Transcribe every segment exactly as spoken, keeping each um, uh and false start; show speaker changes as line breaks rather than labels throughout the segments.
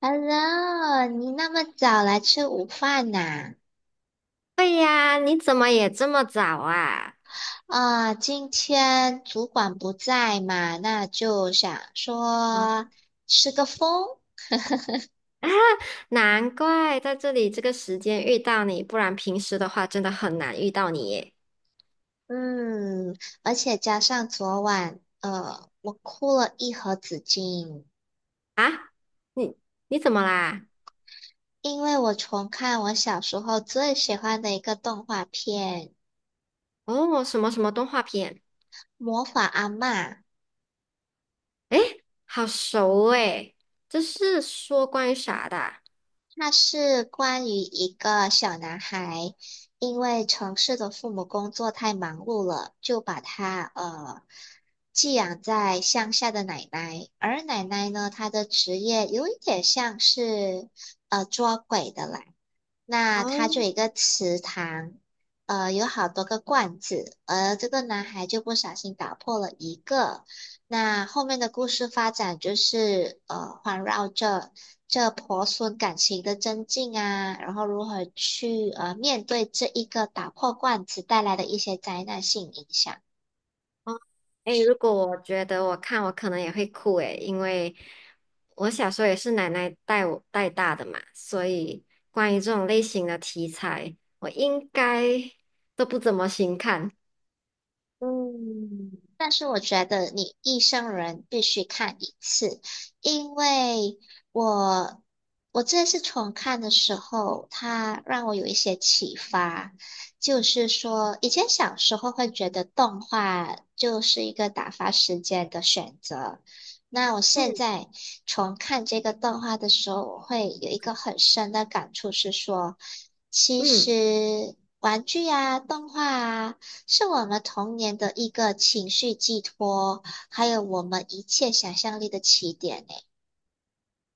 Hello，你那么早来吃午饭呐？
对呀，你怎么也这么早啊？
啊，今天主管不在嘛，那就想
啊，
说吃个风。
难怪在这里这个时间遇到你，不然平时的话真的很难遇到你耶。
嗯，而且加上昨晚，呃，我哭了一盒纸巾，
啊，你你怎么啦？
因为我重看我小时候最喜欢的一个动画片
哦，什么什么动画片？
《魔法阿嬷》。
哎，好熟哎，这是说关于啥的
那是关于一个小男孩，因为城市的父母工作太忙碌了，就把他呃寄养在乡下的奶奶。而奶奶呢，她的职业有一点像是呃捉鬼的啦。那它就有一
哦
个池塘，呃，有好多个罐子，而这个男孩就不小心打破了一个，那后面的故事发展就是呃，环绕着这婆孙感情的增进啊，然后如何去呃面对这一个打破罐子带来的一些灾难性影响。
哦哎，如果我觉得我看我可能也会哭诶，因为我小时候也是奶奶带我带大的嘛，所以关于这种类型的题材，我应该都不怎么行看。
嗯，但是我觉得你一生人必须看一次，因为我我这次重看的时候，它让我有一些启发，就是说以前小时候会觉得动画就是一个打发时间的选择，那我现
嗯
在重看这个动画的时候，我会有一个很深的感触是说，其
嗯。
实玩具啊、动画啊。是我们童年的一个情绪寄托，还有我们一切想象力的起点呢。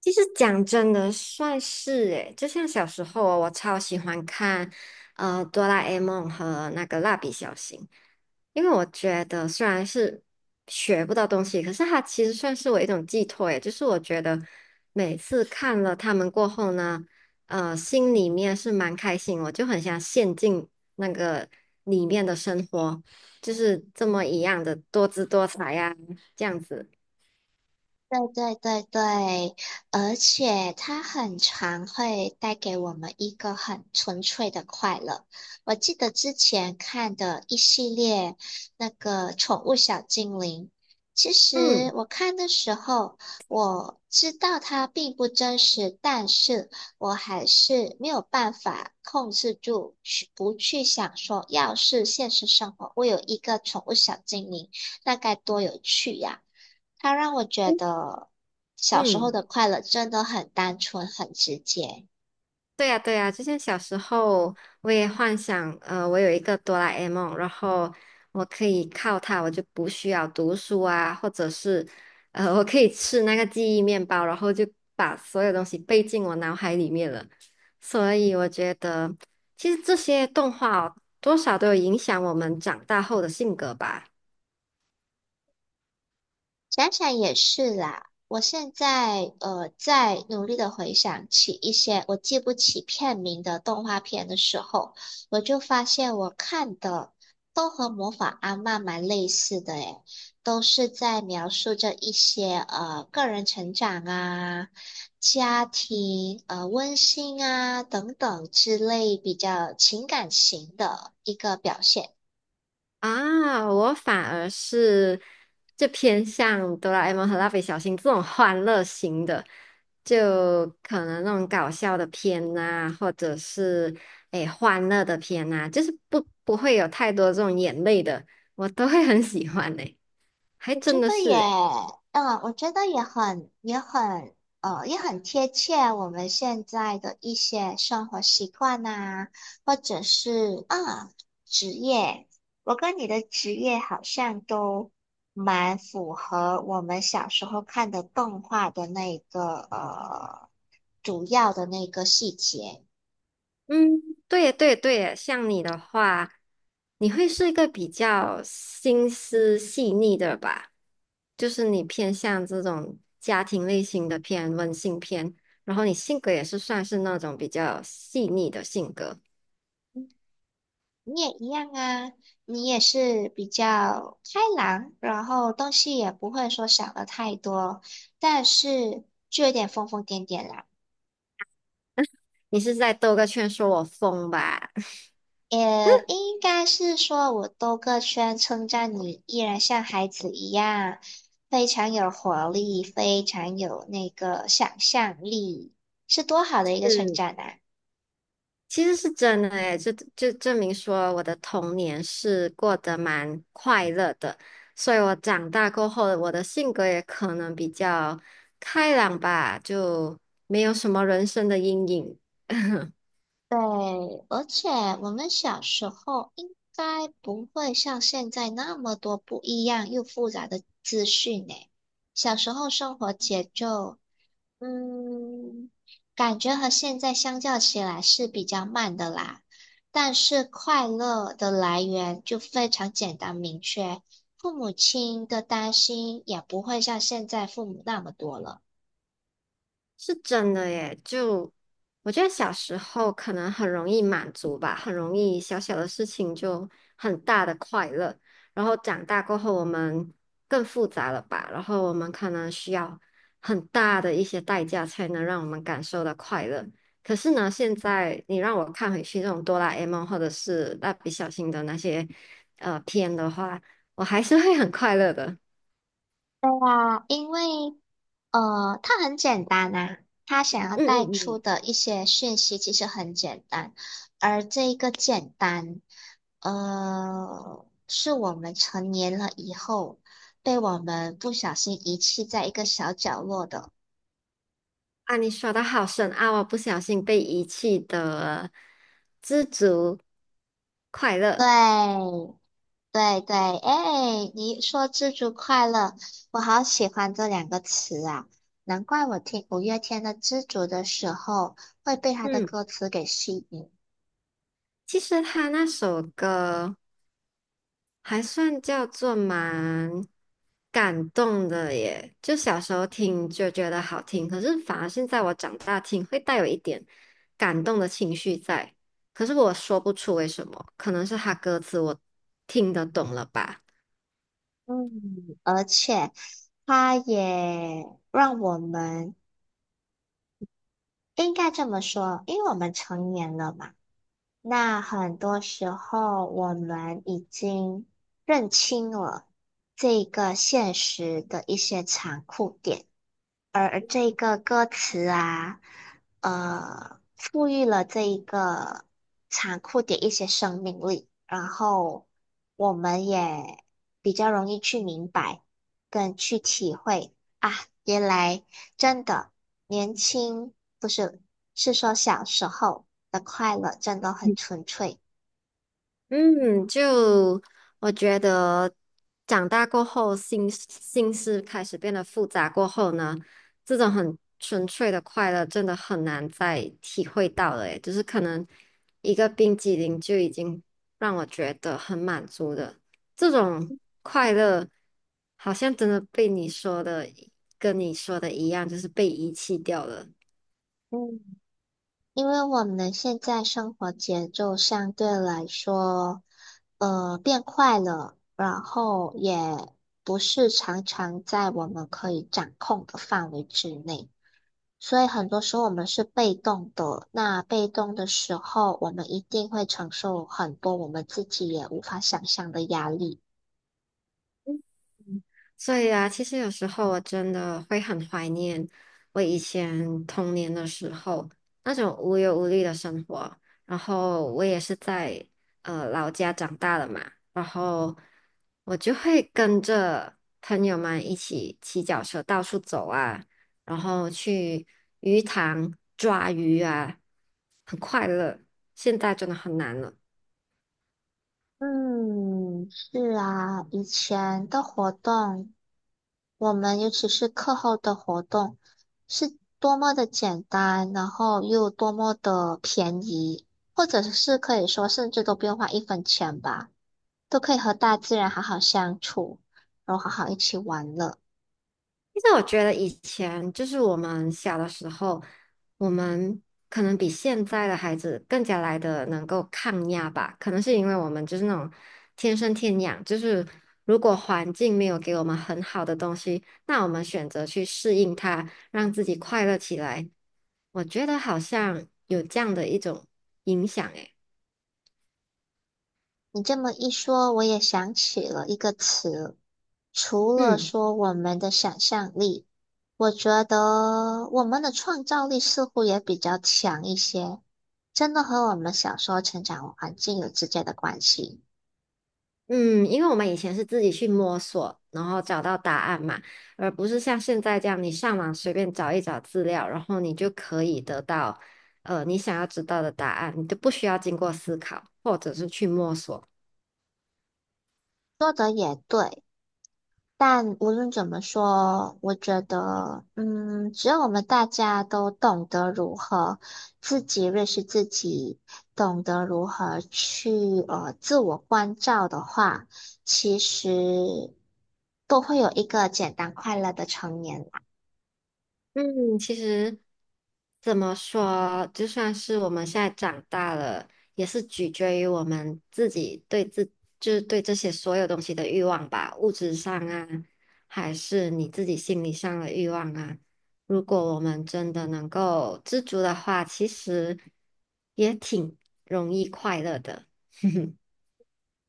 其实讲真的，算是诶，就像小时候哦我超喜欢看呃《哆啦 A 梦》和那个《蜡笔小新》，因为我觉得虽然是学不到东西，可是它其实算是我一种寄托诶，就是我觉得每次看了他们过后呢，呃，心里面是蛮开心，我就很想陷进那个里面的生活，就是这么一样的多姿多彩呀、这样子，
对对对对，而且它很常会带给我们一个很纯粹的快乐。我记得之前看的一系列那个宠物小精灵，其实
嗯
我看的时候我知道它并不真实，但是我还是没有办法控制住去不去想说，要是现实生活我有一个宠物小精灵，那该多有趣呀！它让我觉得小时候
嗯。
的快乐真的很单纯、很直接。
对呀，对呀，之前小时候我也幻想，呃，我有一个哆啦 A 梦，然后我可以靠它，我就不需要读书啊，或者是，呃，我可以吃那个记忆面包，然后就把所有东西背进我脑海里面了。所以我觉得，其实这些动画哦多少都有影响我们长大后的性格吧。
想想也是啦，我现在呃在努力的回想起一些我记不起片名的动画片的时候，我就发现我看的都和《魔法阿嬷》蛮类似的诶，都是在描述着一些呃个人成长啊、家庭呃温馨啊等等之类比较情感型的一个表现。
啊，我反而是就偏向哆啦 A 梦和蜡笔小新这种欢乐型的，就可能那种搞笑的片呐、或者是诶欢乐的片呐、就是不不会有太多这种眼泪的，我都会很喜欢诶、还
我觉
真的
得也，
是诶、
嗯，我觉得也很，也很，呃，也很贴切我们现在的一些生活习惯呐、或者是啊，职业。我跟你的职业好像都蛮符合我们小时候看的动画的那个呃主要的那个细节。
嗯，对呀，对呀，对，呀。像你的话，你会是一个比较心思细腻的吧？就是你偏向这种家庭类型的片、温馨片，然后你性格也是算是那种比较细腻的性格。
你也一样啊，你也是比较开朗，然后东西也不会说想的太多，但是就有点疯疯癫癫啦。
你是在兜个圈说我疯吧？
也应该是说我兜个圈称赞你，依然像孩子一样，非常有活力，非常有那个想象力，是多好的一个成长 啊！
其实是真的诶，就就证明说我的童年是过得蛮快乐的，所以我长大过后，我的性格也可能比较开朗吧，就没有什么人生的阴影。
对，而且我们小时候应该不会像现在那么多不一样又复杂的资讯呢。小时候生活节奏，嗯，感觉和现在相较起来是比较慢的啦。但是快乐的来源就非常简单明确，父母亲的担心也不会像现在父母那么多了。
是真的耶，就我觉得小时候可能很容易满足吧，很容易小小的事情就很大的快乐。然后长大过后，我们更复杂了吧？然后我们可能需要很大的一些代价才能让我们感受到快乐。可是呢，现在你让我看回去这种哆啦 A 梦或者是蜡笔小新的那些呃片的话，我还是会很快乐的。
哇，因为呃，它很简单啊，他想要
嗯
带
嗯
出
嗯。
的一些讯息其实很简单，而这一个简单，呃，是我们成年了以后被我们不小心遗弃在一个小角落的。
啊，你说的好深奥啊，我不小心被遗弃的知足快乐。
对，对对，哎，你说"知足快乐"，我好喜欢这两个词啊，难怪我听五月天的《知足》的时候会被他的
嗯，
歌词给吸引。
其实他那首歌还算叫做蛮感动的耶，就小时候听就觉得好听，可是反而现在我长大听会带有一点感动的情绪在，可是我说不出为什么，可能是他歌词我听得懂了吧。
嗯，而且它也让我们应该这么说，因为我们成年了嘛，那很多时候我们已经认清了这个现实的一些残酷点。而这个歌词啊，呃，赋予了这一个残酷的一些生命力，然后我们也比较容易去明白跟去体会啊，原来真的年轻不是，是说小时候的快乐真的很纯粹。
嗯，就我觉得长大过后，心心思开始变得复杂过后呢，这种很纯粹的快乐真的很难再体会到了，诶，就是可能一个冰激凌就已经让我觉得很满足的，这种快乐好像真的被你说的跟你说的一样，就是被遗弃掉了。
嗯，因为我们现在生活节奏相对来说，呃，变快了，然后也不是常常在我们可以掌控的范围之内，所以很多时候我们是被动的。那被动的时候，我们一定会承受很多我们自己也无法想象的压力。
所以啊，其实有时候我真的会很怀念我以前童年的时候那种无忧无虑的生活。然后我也是在呃老家长大的嘛，然后我就会跟着朋友们一起骑脚车到处走啊，然后去鱼塘抓鱼啊，很快乐。现在真的很难了。
嗯，是啊，以前的活动。我们尤其是课后的活动是多么的简单，然后又多么的便宜，或者是可以说甚至都不用花一分钱吧，都可以和大自然好好相处，然后好好一起玩乐。
其实我觉得以前就是我们小的时候，我们可能比现在的孩子更加来的能够抗压吧。可能是因为我们就是那种天生天养，就是如果环境没有给我们很好的东西，那我们选择去适应它，让自己快乐起来。我觉得好像有这样的一种影响，诶，
你这么一说，我也想起了一个词，除了
嗯。
说我们的想象力，我觉得我们的创造力似乎也比较强一些。真的和我们小时候成长环境有直接的关系。
嗯，因为我们以前是自己去摸索，然后找到答案嘛，而不是像现在这样，你上网随便找一找资料，然后你就可以得到，呃，你想要知道的答案，你都不需要经过思考，或者是去摸索。
但无论怎么说，我觉得，嗯，只要我们大家都懂得如何自己认识自己，懂得如何去呃自我关照的话，其实都会有一个简单快乐的成年啦。
嗯，其实怎么说，就算是我们现在长大了，也是取决于我们自己对自，就是对这些所有东西的欲望吧，物质上啊，还是你自己心理上的欲望啊。如果我们真的能够知足的话，其实也挺容易快乐的。哼哼，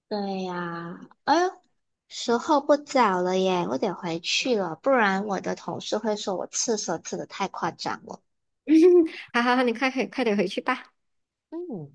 对呀，哎呦，时候不早了耶，我得回去了，不然我的同事会说我刺蛇刺的太夸张了。
好好好，你快快快点回去吧。
嗯。